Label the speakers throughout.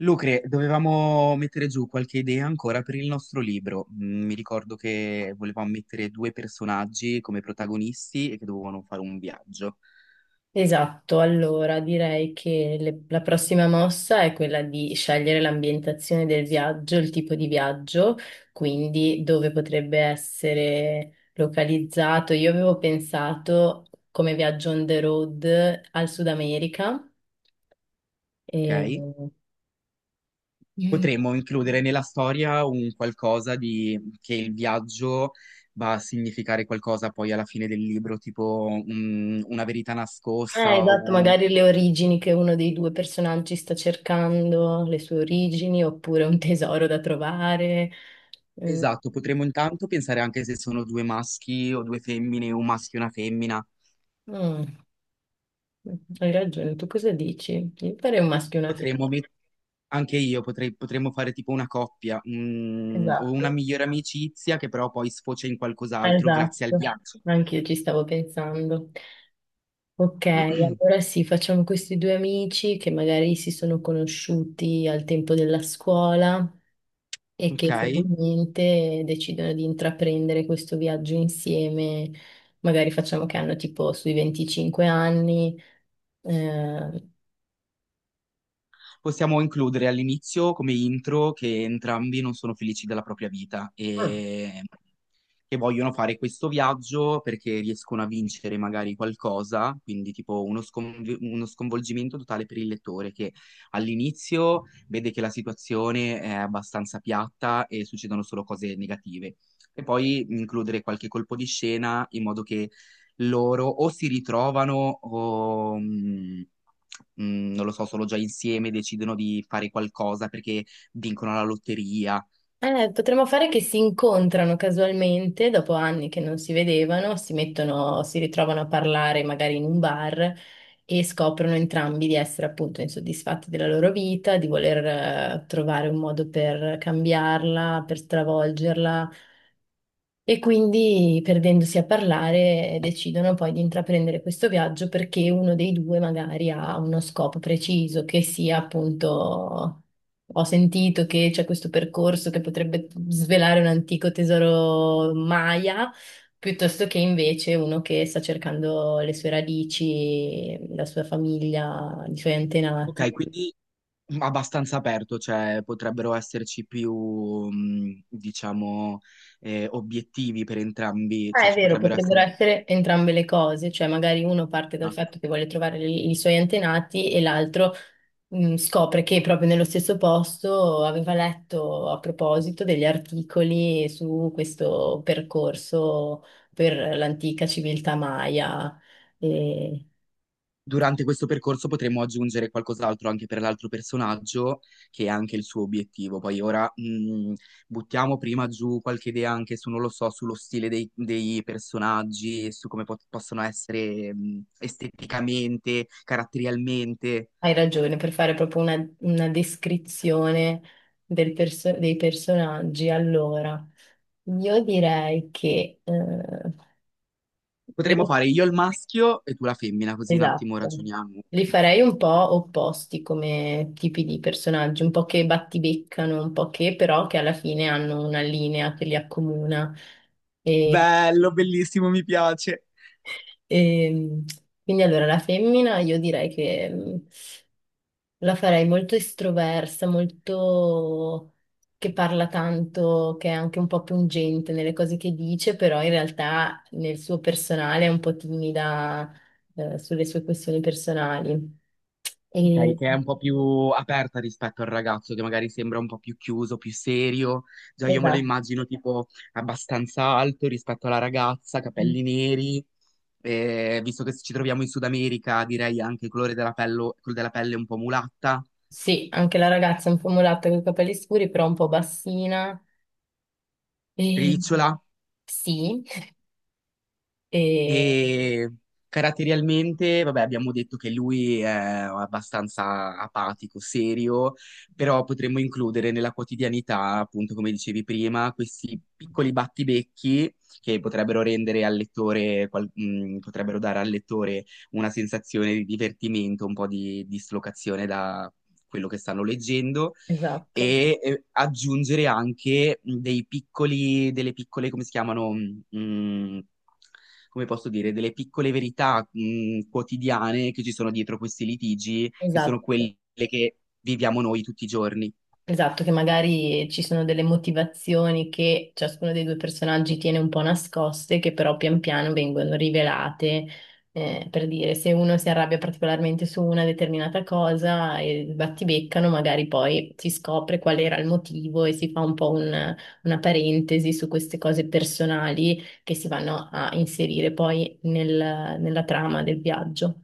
Speaker 1: Lucre, dovevamo mettere giù qualche idea ancora per il nostro libro. Mi ricordo che volevamo mettere due personaggi come protagonisti e che dovevano fare un viaggio,
Speaker 2: Esatto, allora direi che la prossima mossa è quella di scegliere l'ambientazione del viaggio, il tipo di viaggio, quindi dove potrebbe essere localizzato. Io avevo pensato come viaggio on the road al Sud America. E...
Speaker 1: ok?
Speaker 2: Mm.
Speaker 1: Potremmo includere nella storia un qualcosa di che il viaggio va a significare qualcosa poi alla fine del libro, tipo una verità nascosta o
Speaker 2: Esatto,
Speaker 1: un...
Speaker 2: magari le origini che uno dei due personaggi sta cercando, le sue origini, oppure un tesoro da trovare. Mm.
Speaker 1: Esatto, potremmo intanto pensare anche se sono due maschi o due femmine, un maschio e una femmina.
Speaker 2: Mm. Hai ragione, tu cosa dici? Io farei un maschio e una femmina.
Speaker 1: Potremmo met- Anche io potrei, potremmo fare tipo una coppia, o una
Speaker 2: Esatto.
Speaker 1: migliore amicizia che però poi sfocia in qualcos'altro grazie al
Speaker 2: Esatto,
Speaker 1: viaggio.
Speaker 2: anche io ci stavo pensando. Ok, allora sì, facciamo questi due amici che magari si sono conosciuti al tempo della scuola e
Speaker 1: Ok?
Speaker 2: che finalmente decidono di intraprendere questo viaggio insieme. Magari facciamo che hanno tipo sui 25 anni, eh,
Speaker 1: Possiamo includere all'inizio come intro che entrambi non sono felici della propria vita
Speaker 2: Mm.
Speaker 1: e che vogliono fare questo viaggio perché riescono a vincere magari qualcosa, quindi tipo uno, uno sconvolgimento totale per il lettore che all'inizio vede che la situazione è abbastanza piatta e succedono solo cose negative. E poi includere qualche colpo di scena in modo che loro o si ritrovano o... non lo so, sono già insieme, decidono di fare qualcosa perché vincono la lotteria.
Speaker 2: Potremmo fare che si incontrano casualmente dopo anni che non si vedevano, si mettono, si ritrovano a parlare magari in un bar e scoprono entrambi di essere appunto insoddisfatti della loro vita, di voler trovare un modo per cambiarla, per stravolgerla e quindi, perdendosi a parlare, decidono poi di intraprendere questo viaggio perché uno dei due magari ha uno scopo preciso, che sia appunto, ho sentito che c'è questo percorso che potrebbe svelare un antico tesoro Maya, piuttosto che invece uno che sta cercando le sue radici, la sua famiglia, i suoi antenati.
Speaker 1: Ok, quindi abbastanza aperto, cioè potrebbero esserci più, diciamo, obiettivi per entrambi,
Speaker 2: Ah,
Speaker 1: cioè
Speaker 2: è
Speaker 1: ci
Speaker 2: vero,
Speaker 1: potrebbero
Speaker 2: potrebbero
Speaker 1: essere...
Speaker 2: essere entrambe le cose, cioè magari uno parte dal fatto che vuole trovare i suoi antenati e l'altro scopre che proprio nello stesso posto aveva letto a proposito degli articoli su questo percorso per l'antica civiltà Maya. E
Speaker 1: Durante questo percorso potremo aggiungere qualcos'altro anche per l'altro personaggio, che è anche il suo obiettivo. Poi ora buttiamo prima giù qualche idea anche su, non lo so, sullo stile dei personaggi, su come possono essere esteticamente, caratterialmente.
Speaker 2: hai ragione, per fare proprio una descrizione dei personaggi. Allora, io direi che le
Speaker 1: Potremmo fare io il maschio e tu la femmina, così un attimo
Speaker 2: Esatto.
Speaker 1: ragioniamo.
Speaker 2: Li farei un po' opposti come tipi di personaggi, un po' che battibeccano, un po' che però che alla fine hanno una linea che li accomuna. E,
Speaker 1: Bello, bellissimo, mi piace.
Speaker 2: ehm, quindi allora la femmina io direi che la farei molto estroversa, molto che parla tanto, che è anche un po' pungente nelle cose che dice, però in realtà nel suo personale è un po' timida, sulle sue questioni personali.
Speaker 1: Ok,
Speaker 2: E...
Speaker 1: che è un po' più aperta rispetto al ragazzo che magari sembra un po' più chiuso, più serio. Già io me lo
Speaker 2: Esatto.
Speaker 1: immagino tipo abbastanza alto rispetto alla ragazza, capelli neri. Visto che ci troviamo in Sud America, direi anche il colore della pelle, quello della pelle un po' mulatta,
Speaker 2: Sì, anche la ragazza è un po' mulatta con i capelli scuri, però un po' bassina. E...
Speaker 1: ricciola.
Speaker 2: Sì, e...
Speaker 1: E caratterialmente, vabbè, abbiamo detto che lui è abbastanza apatico, serio, però potremmo includere nella quotidianità, appunto, come dicevi prima, questi piccoli battibecchi che potrebbero rendere al lettore, potrebbero dare al lettore una sensazione di divertimento, un po' di dislocazione da quello che stanno leggendo.
Speaker 2: esatto,
Speaker 1: Aggiungere anche dei piccoli, delle piccole, come si chiamano? mh, Come posso dire, delle piccole verità, quotidiane che ci sono dietro questi litigi, che sono
Speaker 2: esatto.
Speaker 1: quelle che viviamo noi tutti i giorni.
Speaker 2: Esatto, che magari ci sono delle motivazioni che ciascuno dei due personaggi tiene un po' nascoste, che però pian piano vengono rivelate, per dire se uno si arrabbia particolarmente su una determinata cosa e battibeccano, magari poi si scopre qual era il motivo e si fa un po' una parentesi su queste cose personali che si vanno a inserire poi nella trama del viaggio.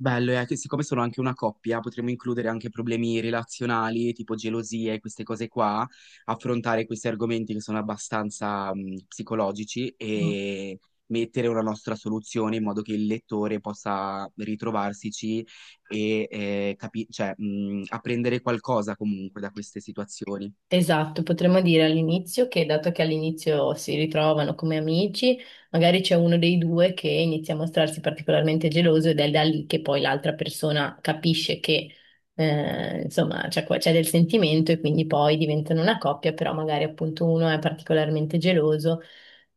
Speaker 1: Bello, è che siccome sono anche una coppia, potremmo includere anche problemi relazionali, tipo gelosie, queste cose qua, affrontare questi argomenti che sono abbastanza, psicologici e mettere una nostra soluzione in modo che il lettore possa ritrovarsici e cioè, apprendere qualcosa comunque da queste situazioni.
Speaker 2: Esatto, potremmo dire all'inizio che dato che all'inizio si ritrovano come amici, magari c'è uno dei due che inizia a mostrarsi particolarmente geloso ed è da lì che poi l'altra persona capisce che insomma c'è del sentimento e quindi poi diventano una coppia, però magari appunto uno è particolarmente geloso,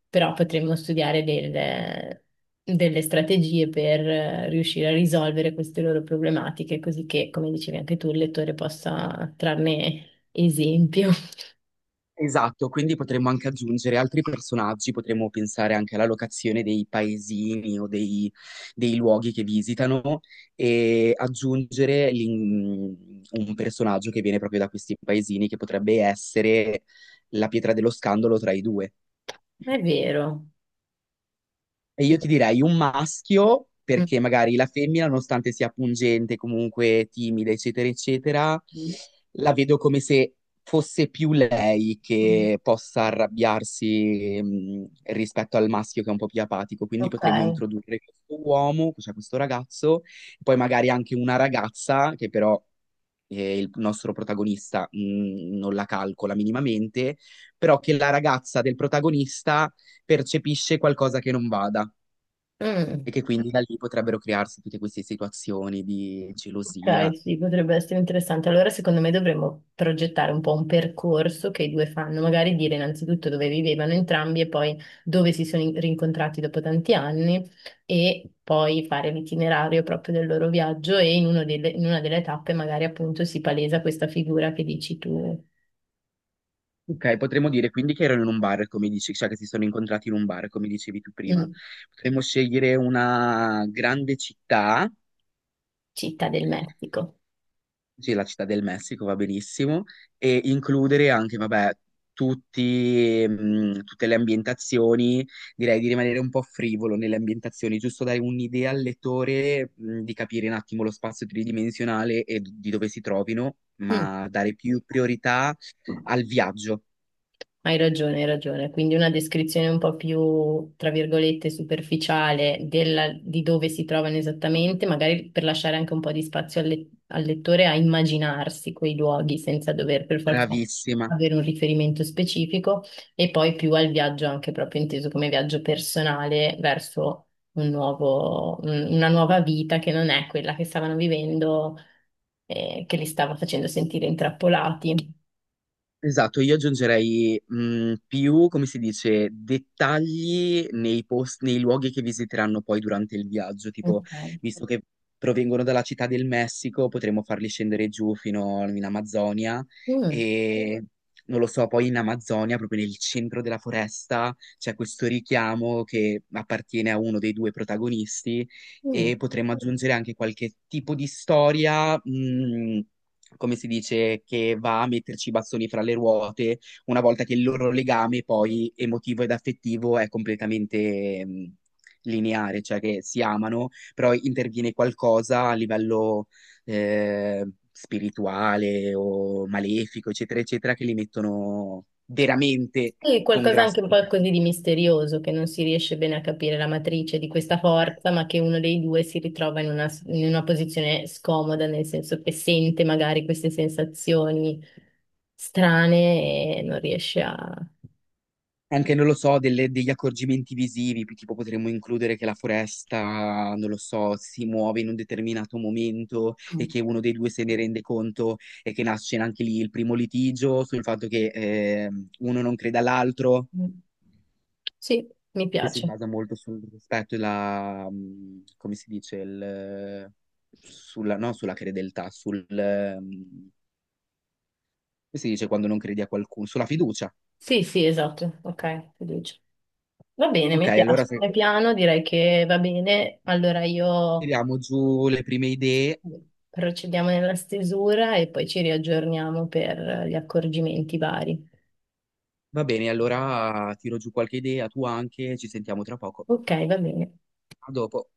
Speaker 2: però potremmo studiare delle strategie per riuscire a risolvere queste loro problematiche, così che, come dicevi anche tu, il lettore possa trarne esempio.
Speaker 1: Esatto, quindi potremmo anche aggiungere altri personaggi, potremmo pensare anche alla locazione dei paesini o dei luoghi che visitano e aggiungere un personaggio che viene proprio da questi paesini che potrebbe essere la pietra dello scandalo tra i due.
Speaker 2: È vero.
Speaker 1: E io ti direi un maschio,
Speaker 2: Mm.
Speaker 1: perché magari la femmina, nonostante sia pungente, comunque timida, eccetera, eccetera, la vedo come se fosse più lei
Speaker 2: Mm.
Speaker 1: che possa arrabbiarsi, rispetto al maschio che è un po' più apatico. Quindi
Speaker 2: Ok.
Speaker 1: potremmo introdurre questo uomo, cioè questo ragazzo, e poi magari anche una ragazza che però il nostro protagonista, non la calcola minimamente, però che la ragazza del protagonista percepisce qualcosa che non vada. E
Speaker 2: Mm.
Speaker 1: che quindi da lì potrebbero crearsi tutte queste situazioni di gelosia.
Speaker 2: Ok, sì, potrebbe essere interessante. Allora, secondo me dovremmo progettare un po' un percorso che i due fanno, magari dire innanzitutto dove vivevano entrambi e poi dove si sono rincontrati dopo tanti anni e poi fare l'itinerario proprio del loro viaggio e in una delle tappe magari appunto si palesa questa figura che dici tu,
Speaker 1: Ok, potremmo dire quindi che erano in un bar, come dici, cioè che si sono incontrati in un bar, come dicevi tu prima.
Speaker 2: mm,
Speaker 1: Potremmo scegliere una grande città.
Speaker 2: città del Messico.
Speaker 1: Sì, la città del Messico va benissimo e includere anche, vabbè, tutti, tutte le ambientazioni, direi di rimanere un po' frivolo nelle ambientazioni, giusto dare un'idea al lettore, di capire un attimo lo spazio tridimensionale e di dove si trovino,
Speaker 2: Mm.
Speaker 1: ma dare più priorità al viaggio.
Speaker 2: Hai ragione, hai ragione. Quindi una descrizione un po' più, tra virgolette, superficiale di dove si trovano esattamente, magari per lasciare anche un po' di spazio al lettore a immaginarsi quei luoghi senza dover per forza
Speaker 1: Bravissima.
Speaker 2: avere un riferimento specifico, e poi più al viaggio, anche proprio inteso come viaggio personale verso una nuova vita che non è quella che stavano vivendo, che li stava facendo sentire intrappolati.
Speaker 1: Esatto, io aggiungerei più, come si dice, dettagli nei luoghi che visiteranno poi durante il viaggio, tipo,
Speaker 2: Ok.
Speaker 1: visto che provengono dalla città del Messico, potremmo farli scendere giù fino in Amazzonia
Speaker 2: Mm,
Speaker 1: e, non lo so, poi in Amazzonia, proprio nel centro della foresta, c'è questo richiamo che appartiene a uno dei due protagonisti
Speaker 2: mm.
Speaker 1: e potremmo aggiungere anche qualche tipo di storia. Come si dice, che va a metterci i bastoni fra le ruote una volta che il loro legame poi emotivo ed affettivo è completamente lineare, cioè che si amano, però interviene qualcosa a livello eh, spirituale o malefico, eccetera, eccetera, che li mettono veramente
Speaker 2: Sì,
Speaker 1: con
Speaker 2: qualcosa
Speaker 1: grasso.
Speaker 2: anche un po' così di misterioso, che non si riesce bene a capire la matrice di questa forza, ma che uno dei due si ritrova in una posizione scomoda, nel senso che sente magari queste sensazioni strane e non riesce a.
Speaker 1: Anche, non lo so, degli accorgimenti visivi, tipo potremmo includere che la foresta, non lo so, si muove in un determinato momento e che uno dei due se ne rende conto e che nasce anche lì il primo litigio sul fatto che uno non crede all'altro,
Speaker 2: Mm. Sì, mi
Speaker 1: che si
Speaker 2: piace.
Speaker 1: basa molto sul rispetto e la, come si dice, il, sulla, no, sulla credeltà, sul, come si dice quando non credi a qualcuno, sulla fiducia.
Speaker 2: Sì, sì, esatto. Ok, fiducia. Va bene,
Speaker 1: Ok,
Speaker 2: mi
Speaker 1: allora
Speaker 2: piace.
Speaker 1: se
Speaker 2: È piano, direi che va bene. Allora io
Speaker 1: tiriamo giù le prime idee.
Speaker 2: Procediamo nella stesura e poi ci riaggiorniamo per gli accorgimenti vari.
Speaker 1: Va bene, allora tiro giù qualche idea, tu anche, ci sentiamo tra poco.
Speaker 2: Ok, va bene.
Speaker 1: A dopo.